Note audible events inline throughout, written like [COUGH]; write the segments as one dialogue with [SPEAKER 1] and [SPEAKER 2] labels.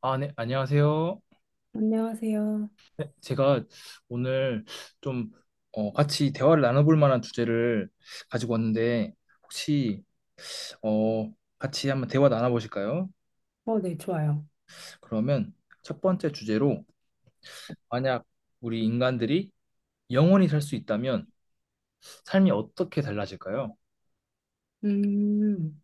[SPEAKER 1] 아, 네, 안녕하세요.
[SPEAKER 2] 안녕하세요.
[SPEAKER 1] 제가 오늘 좀 같이 대화를 나눠볼 만한 주제를 가지고 왔는데, 혹시 어, 같이 한번 대화 나눠보실까요?
[SPEAKER 2] 네, 좋아요.
[SPEAKER 1] 그러면 첫 번째 주제로, 만약 우리 인간들이 영원히 살 수 있다면 삶이 어떻게 달라질까요?
[SPEAKER 2] 음,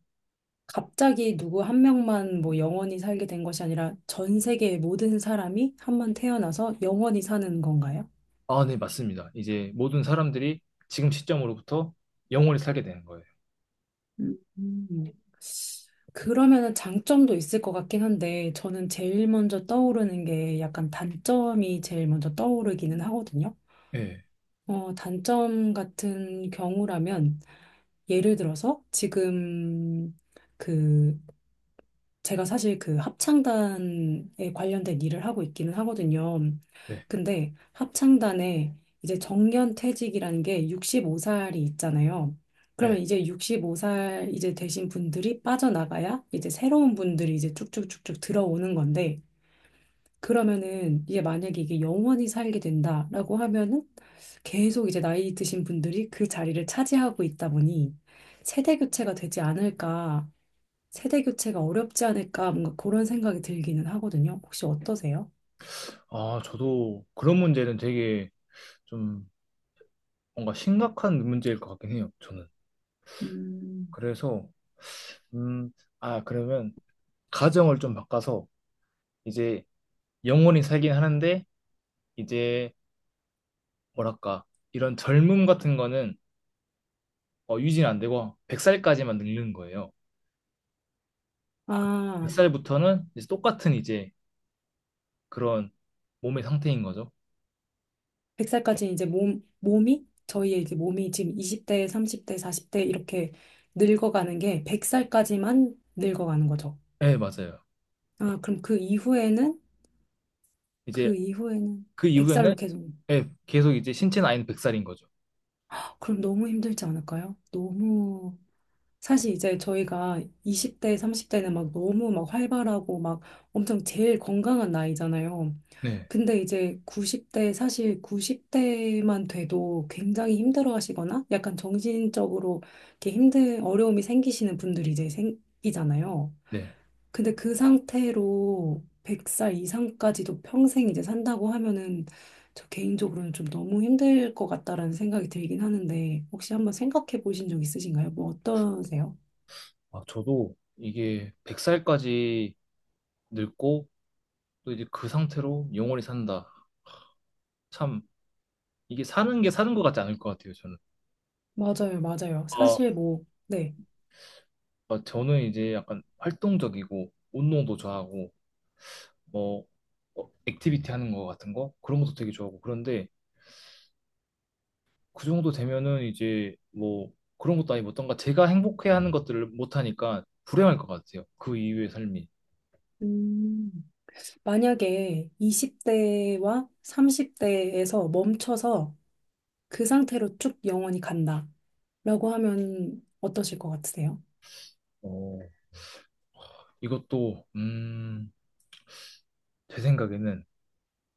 [SPEAKER 2] 갑자기 누구 한 명만 뭐 영원히 살게 된 것이 아니라 전 세계의 모든 사람이 한번 태어나서 영원히 사는 건가요?
[SPEAKER 1] 아, 네, 맞습니다. 이제 모든 사람들이 지금 시점으로부터 영원히 살게 되는 거예요.
[SPEAKER 2] 음, 음. 그러면은 장점도 있을 것 같긴 한데 저는 제일 먼저 떠오르는 게 약간 단점이 제일 먼저 떠오르기는 하거든요.
[SPEAKER 1] 네,
[SPEAKER 2] 단점 같은 경우라면 예를 들어서 지금 그 제가 사실 그 합창단에 관련된 일을 하고 있기는 하거든요.
[SPEAKER 1] 네,
[SPEAKER 2] 근데 합창단에 이제 정년퇴직이라는 게 65살이 있잖아요. 그러면
[SPEAKER 1] 네.
[SPEAKER 2] 이제 65살 이제 되신 분들이 빠져나가야 이제 새로운 분들이 이제 쭉쭉쭉쭉 들어오는 건데 그러면은 이게 만약에 이게 영원히 살게 된다라고 하면은 계속 이제 나이 드신 분들이 그 자리를 차지하고 있다 보니 세대 교체가 되지 않을까 세대 교체가 어렵지 않을까 뭔가 그런 생각이 들기는 하거든요. 혹시 어떠세요?
[SPEAKER 1] 아, 저도 그런 문제는 되게 좀 뭔가 심각한 문제일 것 같긴 해요, 저는.
[SPEAKER 2] 음,
[SPEAKER 1] 그래서, 음, 아, 그러면 가정을 좀 바꿔서 이제 영원히 살긴 하는데, 이제 뭐랄까, 이런 젊음 같은 거는 유지는 안 되고 100살까지만 늙는 거예요.
[SPEAKER 2] 아,
[SPEAKER 1] 100살부터는 이제 똑같은 이제 그런 몸의 상태인 거죠.
[SPEAKER 2] 100살까지 이제 몸이, 저희의 이제 몸이 지금 20대, 30대, 40대 이렇게 늙어가는 게 100살까지만 늙어가는 거죠.
[SPEAKER 1] 네, 맞아요.
[SPEAKER 2] 아, 그럼 그 이후에는,
[SPEAKER 1] 이제
[SPEAKER 2] 그 이후에는
[SPEAKER 1] 그
[SPEAKER 2] 100살로
[SPEAKER 1] 이후에는,
[SPEAKER 2] 계속,
[SPEAKER 1] 네, 계속 이제 신체 나이는 100살인 거죠.
[SPEAKER 2] 그럼 너무 힘들지 않을까요? 너무 사실 이제 저희가 20대, 30대는 막 너무 막 활발하고 막 엄청 제일 건강한 나이잖아요.
[SPEAKER 1] 네,
[SPEAKER 2] 근데 이제 90대, 사실 90대만 돼도 굉장히 힘들어 하시거나 약간 정신적으로 이렇게 힘든 어려움이 생기시는 분들이 이제 생기잖아요.
[SPEAKER 1] 네.
[SPEAKER 2] 근데 그 상태로 100살 이상까지도 평생 이제 산다고 하면은 저 개인적으로는 좀 너무 힘들 것 같다라는 생각이 들긴 하는데 혹시 한번 생각해 보신 적 있으신가요? 뭐 어떠세요?
[SPEAKER 1] 아, 저도 이게 100살까지 늙고 또 이제 그 상태로 영원히 산다. 참 이게 사는 게 사는 것 같지 않을 것 같아요. 저는.
[SPEAKER 2] 맞아요, 맞아요.
[SPEAKER 1] 아,
[SPEAKER 2] 사실 뭐, 네.
[SPEAKER 1] 아, 저는 이제 약간 활동적이고 운동도 좋아하고 뭐 액티비티 하는 거 같은 거 그런 것도 되게 좋아하고 그런데 그 정도 되면은 이제 뭐 그런 것도 아니고 어떤가 제가 행복해 하는 것들을 못 하니까 불행할 것 같아요. 그 이후의 삶이.
[SPEAKER 2] 음, 만약에 20대와 30대에서 멈춰서 그 상태로 쭉 영원히 간다. 라고 하면 어떠실 것 같으세요?
[SPEAKER 1] 어, 이것도 제 생각에는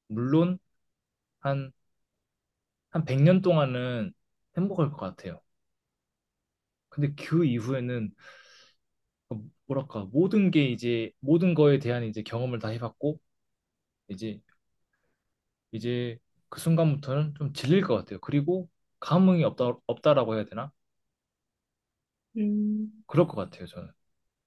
[SPEAKER 1] 물론 한 한 100년 동안은 행복할 것 같아요. 근데 그 이후에는 뭐랄까 모든 게 이제 모든 거에 대한 이제 경험을 다 해봤고 이제 이제 그 순간부터는 좀 질릴 것 같아요. 그리고 감흥이 없다, 없다라고 해야 되나?
[SPEAKER 2] 음.
[SPEAKER 1] 그럴 것 같아요. 저는.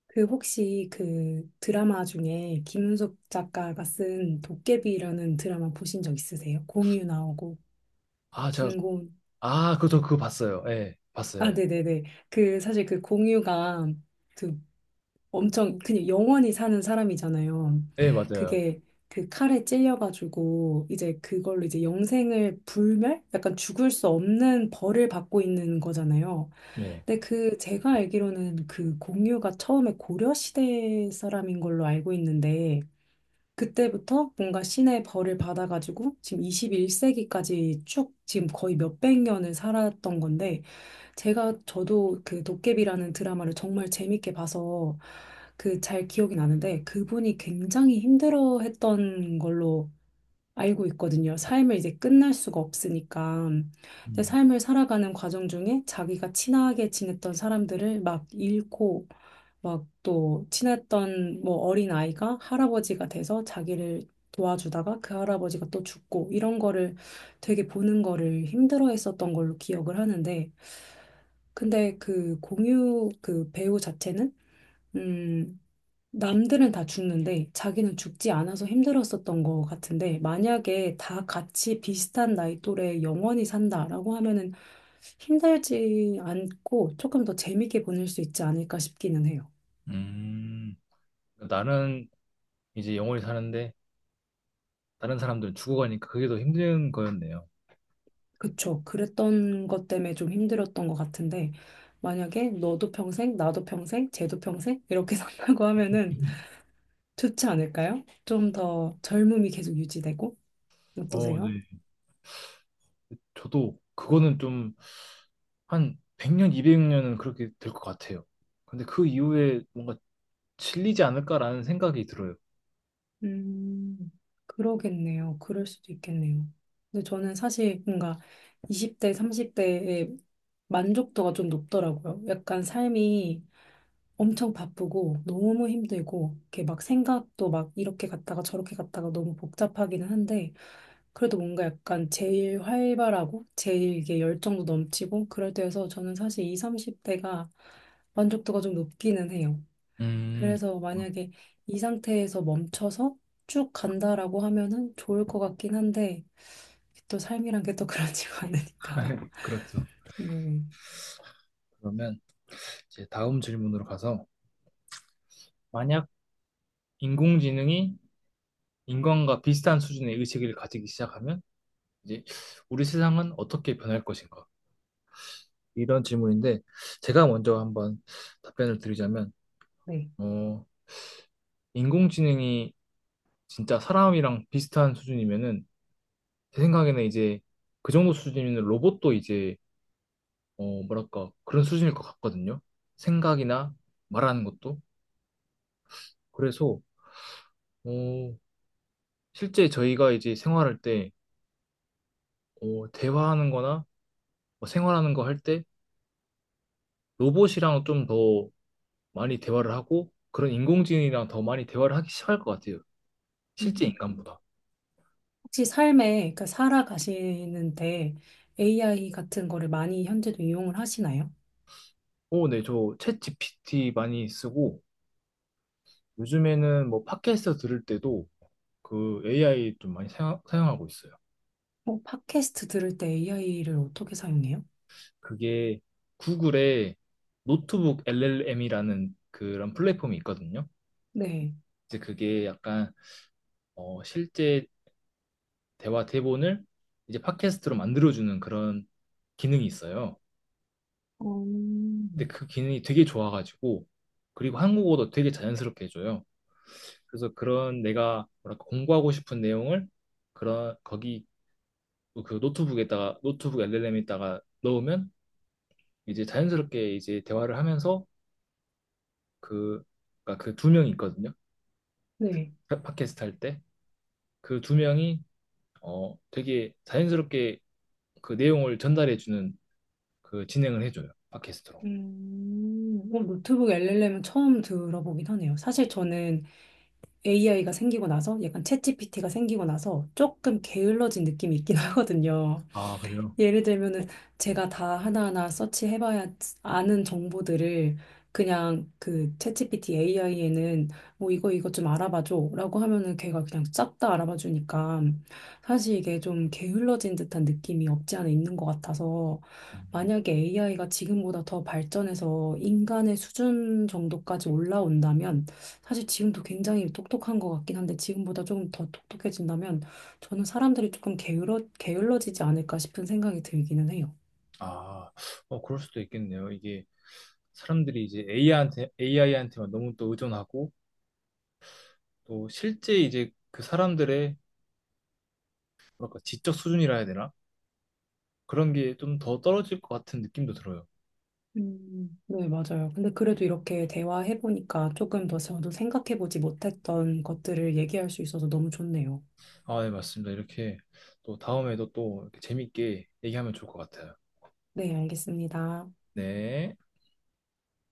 [SPEAKER 2] 그 혹시 그 드라마 중에 김은숙 작가가 쓴 도깨비라는 드라마 보신 적 있으세요? 공유 나오고
[SPEAKER 1] 아, 제가,
[SPEAKER 2] 김고은.
[SPEAKER 1] 아, 그저 그거 봤어요. 예,
[SPEAKER 2] 아,
[SPEAKER 1] 봤어요. 예.
[SPEAKER 2] 네네네. 그 사실 그 공유가 그 엄청 그냥 영원히 사는 사람이잖아요.
[SPEAKER 1] 예, 맞아요.
[SPEAKER 2] 그게 그 칼에 찔려가지고 이제 그걸로 이제 영생을 불멸? 약간 죽을 수 없는 벌을 받고 있는 거잖아요.
[SPEAKER 1] 네.
[SPEAKER 2] 근데 그 제가 알기로는 그 공유가 처음에 고려시대 사람인 걸로 알고 있는데 그때부터 뭔가 신의 벌을 받아가지고 지금 21세기까지 쭉 지금 거의 몇백 년을 살았던 건데 제가 저도 그 도깨비라는 드라마를 정말 재밌게 봐서 그 잘 기억이 나는데 그분이 굉장히 힘들어했던 걸로 알고 있거든요. 삶을 이제 끝날 수가 없으니까. 근데
[SPEAKER 1] 음.
[SPEAKER 2] 삶을 살아가는 과정 중에 자기가 친하게 지냈던 사람들을 막 잃고 막 또 친했던 뭐 어린 아이가 할아버지가 돼서 자기를 도와주다가 그 할아버지가 또 죽고 이런 거를 되게 보는 거를 힘들어 했었던 걸로 기억을 하는데 근데 그 공유 그 배우 자체는 음 남들은 다 죽는데 자기는 죽지 않아서 힘들었었던 것 같은데 만약에 다 같이 비슷한 나이 또래 영원히 산다라고 하면은 힘들지 않고 조금 더 재밌게 보낼 수 있지 않을까 싶기는 해요.
[SPEAKER 1] 음. 나는 이제 영원히 사는데 다른 사람들은 죽어가니까 그게 더 힘든 거였네요.
[SPEAKER 2] 그쵸. 그랬던 것 때문에 좀 힘들었던 것 같은데 만약에 너도 평생, 나도 평생, 쟤도 평생 이렇게 [LAUGHS] 산다고 하면은 좋지 않을까요? 좀 더 젊음이 계속 유지되고 어떠세요?
[SPEAKER 1] 네. 저도 그거는 좀 한 100년, 200년은 그렇게 될 것 같아요. 근데 그 이후에 뭔가 질리지 않을까라는 생각이 들어요.
[SPEAKER 2] 음, 그러겠네요. 그럴 수도 있겠네요. 근데 저는 사실 뭔가 20대, 30대의 만족도가 좀 높더라고요. 약간 삶이 엄청 바쁘고 너무 힘들고 이렇게 막 생각도 막 이렇게 갔다가 저렇게 갔다가 너무 복잡하기는 한데 그래도 뭔가 약간 제일 활발하고 제일 이게 열정도 넘치고 그럴 때여서 저는 사실 20, 30대가 만족도가 좀 높기는 해요.
[SPEAKER 1] 음,
[SPEAKER 2] 그래서 만약에 이 상태에서 멈춰서 쭉 간다라고 하면은 좋을 것 같긴 한데 또 삶이란 게 또 그렇지가 않으니까.
[SPEAKER 1] [LAUGHS] 그렇죠.
[SPEAKER 2] [LAUGHS] 음,
[SPEAKER 1] 그러면 이제 다음 질문으로 가서 만약 인공지능이 인간과 비슷한 수준의 의식을 가지기 시작하면 이제 우리 세상은 어떻게 변할 것인가? 이런 질문인데 제가 먼저 한번 답변을 드리자면,
[SPEAKER 2] 네.
[SPEAKER 1] 어, 인공지능이 진짜 사람이랑 비슷한 수준이면은 제 생각에는 이제 그 정도 수준이면 로봇도 이제 뭐랄까 그런 수준일 것 같거든요. 생각이나 말하는 것도. 그래서 어 실제 저희가 이제 생활할 때 대화하는 거나 뭐 생활하는 거 할 때 로봇이랑 좀 더 많이 대화를 하고 그런 인공지능이랑 더 많이 대화를 하기 시작할 것 같아요.
[SPEAKER 2] 음.
[SPEAKER 1] 실제 인간보다.
[SPEAKER 2] 혹시 삶에 그러니까 살아가시는데 AI 같은 거를 많이 현재도 이용을 하시나요?
[SPEAKER 1] 네, 저 챗 GPT 많이 쓰고 요즘에는 뭐 팟캐스트 들을 때도 그 AI 좀 많이 사용하고 있어요.
[SPEAKER 2] 팟캐스트 들을 때 AI를 어떻게 사용해요?
[SPEAKER 1] 그게 구글의 노트북 LLM이라는 그런 플랫폼이 있거든요.
[SPEAKER 2] 네.
[SPEAKER 1] 이제 그게 약간 실제 대화 대본을 이제 팟캐스트로 만들어주는 그런 기능이 있어요. 근데
[SPEAKER 2] 음.
[SPEAKER 1] 그 기능이 되게 좋아가지고, 그리고 한국어도 되게 자연스럽게 해줘요. 그래서 그런 내가 뭐랄까 공부하고 싶은 내용을 그런 거기, 그 노트북에다가, 노트북 LLM에다가 넣으면 이제 자연스럽게 이제 대화를 하면서 그, 그러니까 그 두 명이 있거든요.
[SPEAKER 2] 네.
[SPEAKER 1] 팟캐스트 할 때 그 두 명이 되게 자연스럽게 그 내용을 전달해 주는 그 진행을 해줘요. 팟캐스트로.
[SPEAKER 2] 음. 노트북 LLM은 처음 들어보긴 하네요. 사실 저는 AI가 생기고 나서 약간 챗GPT가 생기고 나서 조금 게을러진 느낌이 있긴 [LAUGHS] 하거든요.
[SPEAKER 1] 아, 그래요?
[SPEAKER 2] 예를 들면은 제가 다 하나하나 서치해봐야 아는 정보들을 그냥 그 챗GPT AI에는 뭐 이거 이거 좀 알아봐줘라고 하면은 걔가 그냥 싹 다 알아봐주니까 사실 이게 좀 게을러진 듯한 느낌이 없지 않아 있는 것 같아서
[SPEAKER 1] 음.
[SPEAKER 2] 만약에 AI가 지금보다 더 발전해서 인간의 수준 정도까지 올라온다면 사실 지금도 굉장히 똑똑한 것 같긴 한데 지금보다 조금 더 똑똑해진다면 저는 사람들이 조금 게을러지지 않을까 싶은 생각이 들기는 해요.
[SPEAKER 1] 아, 그럴 수도 있겠네요. 이게 사람들이 이제 AI한테, AI한테만 너무 또 의존하고 또 실제 이제 그 사람들의 뭐랄까 지적 수준이라 해야 되나? 그런 게 좀 더 떨어질 것 같은 느낌도 들어요.
[SPEAKER 2] 네, 맞아요. 근데 그래도 이렇게 대화해보니까 조금 더 저도 생각해보지 못했던 것들을 얘기할 수 있어서 너무 좋네요.
[SPEAKER 1] 아, 네, 맞습니다. 이렇게 또 다음에도 또 이렇게 재밌게 얘기하면 좋을 것 같아요.
[SPEAKER 2] 네, 알겠습니다.
[SPEAKER 1] 네.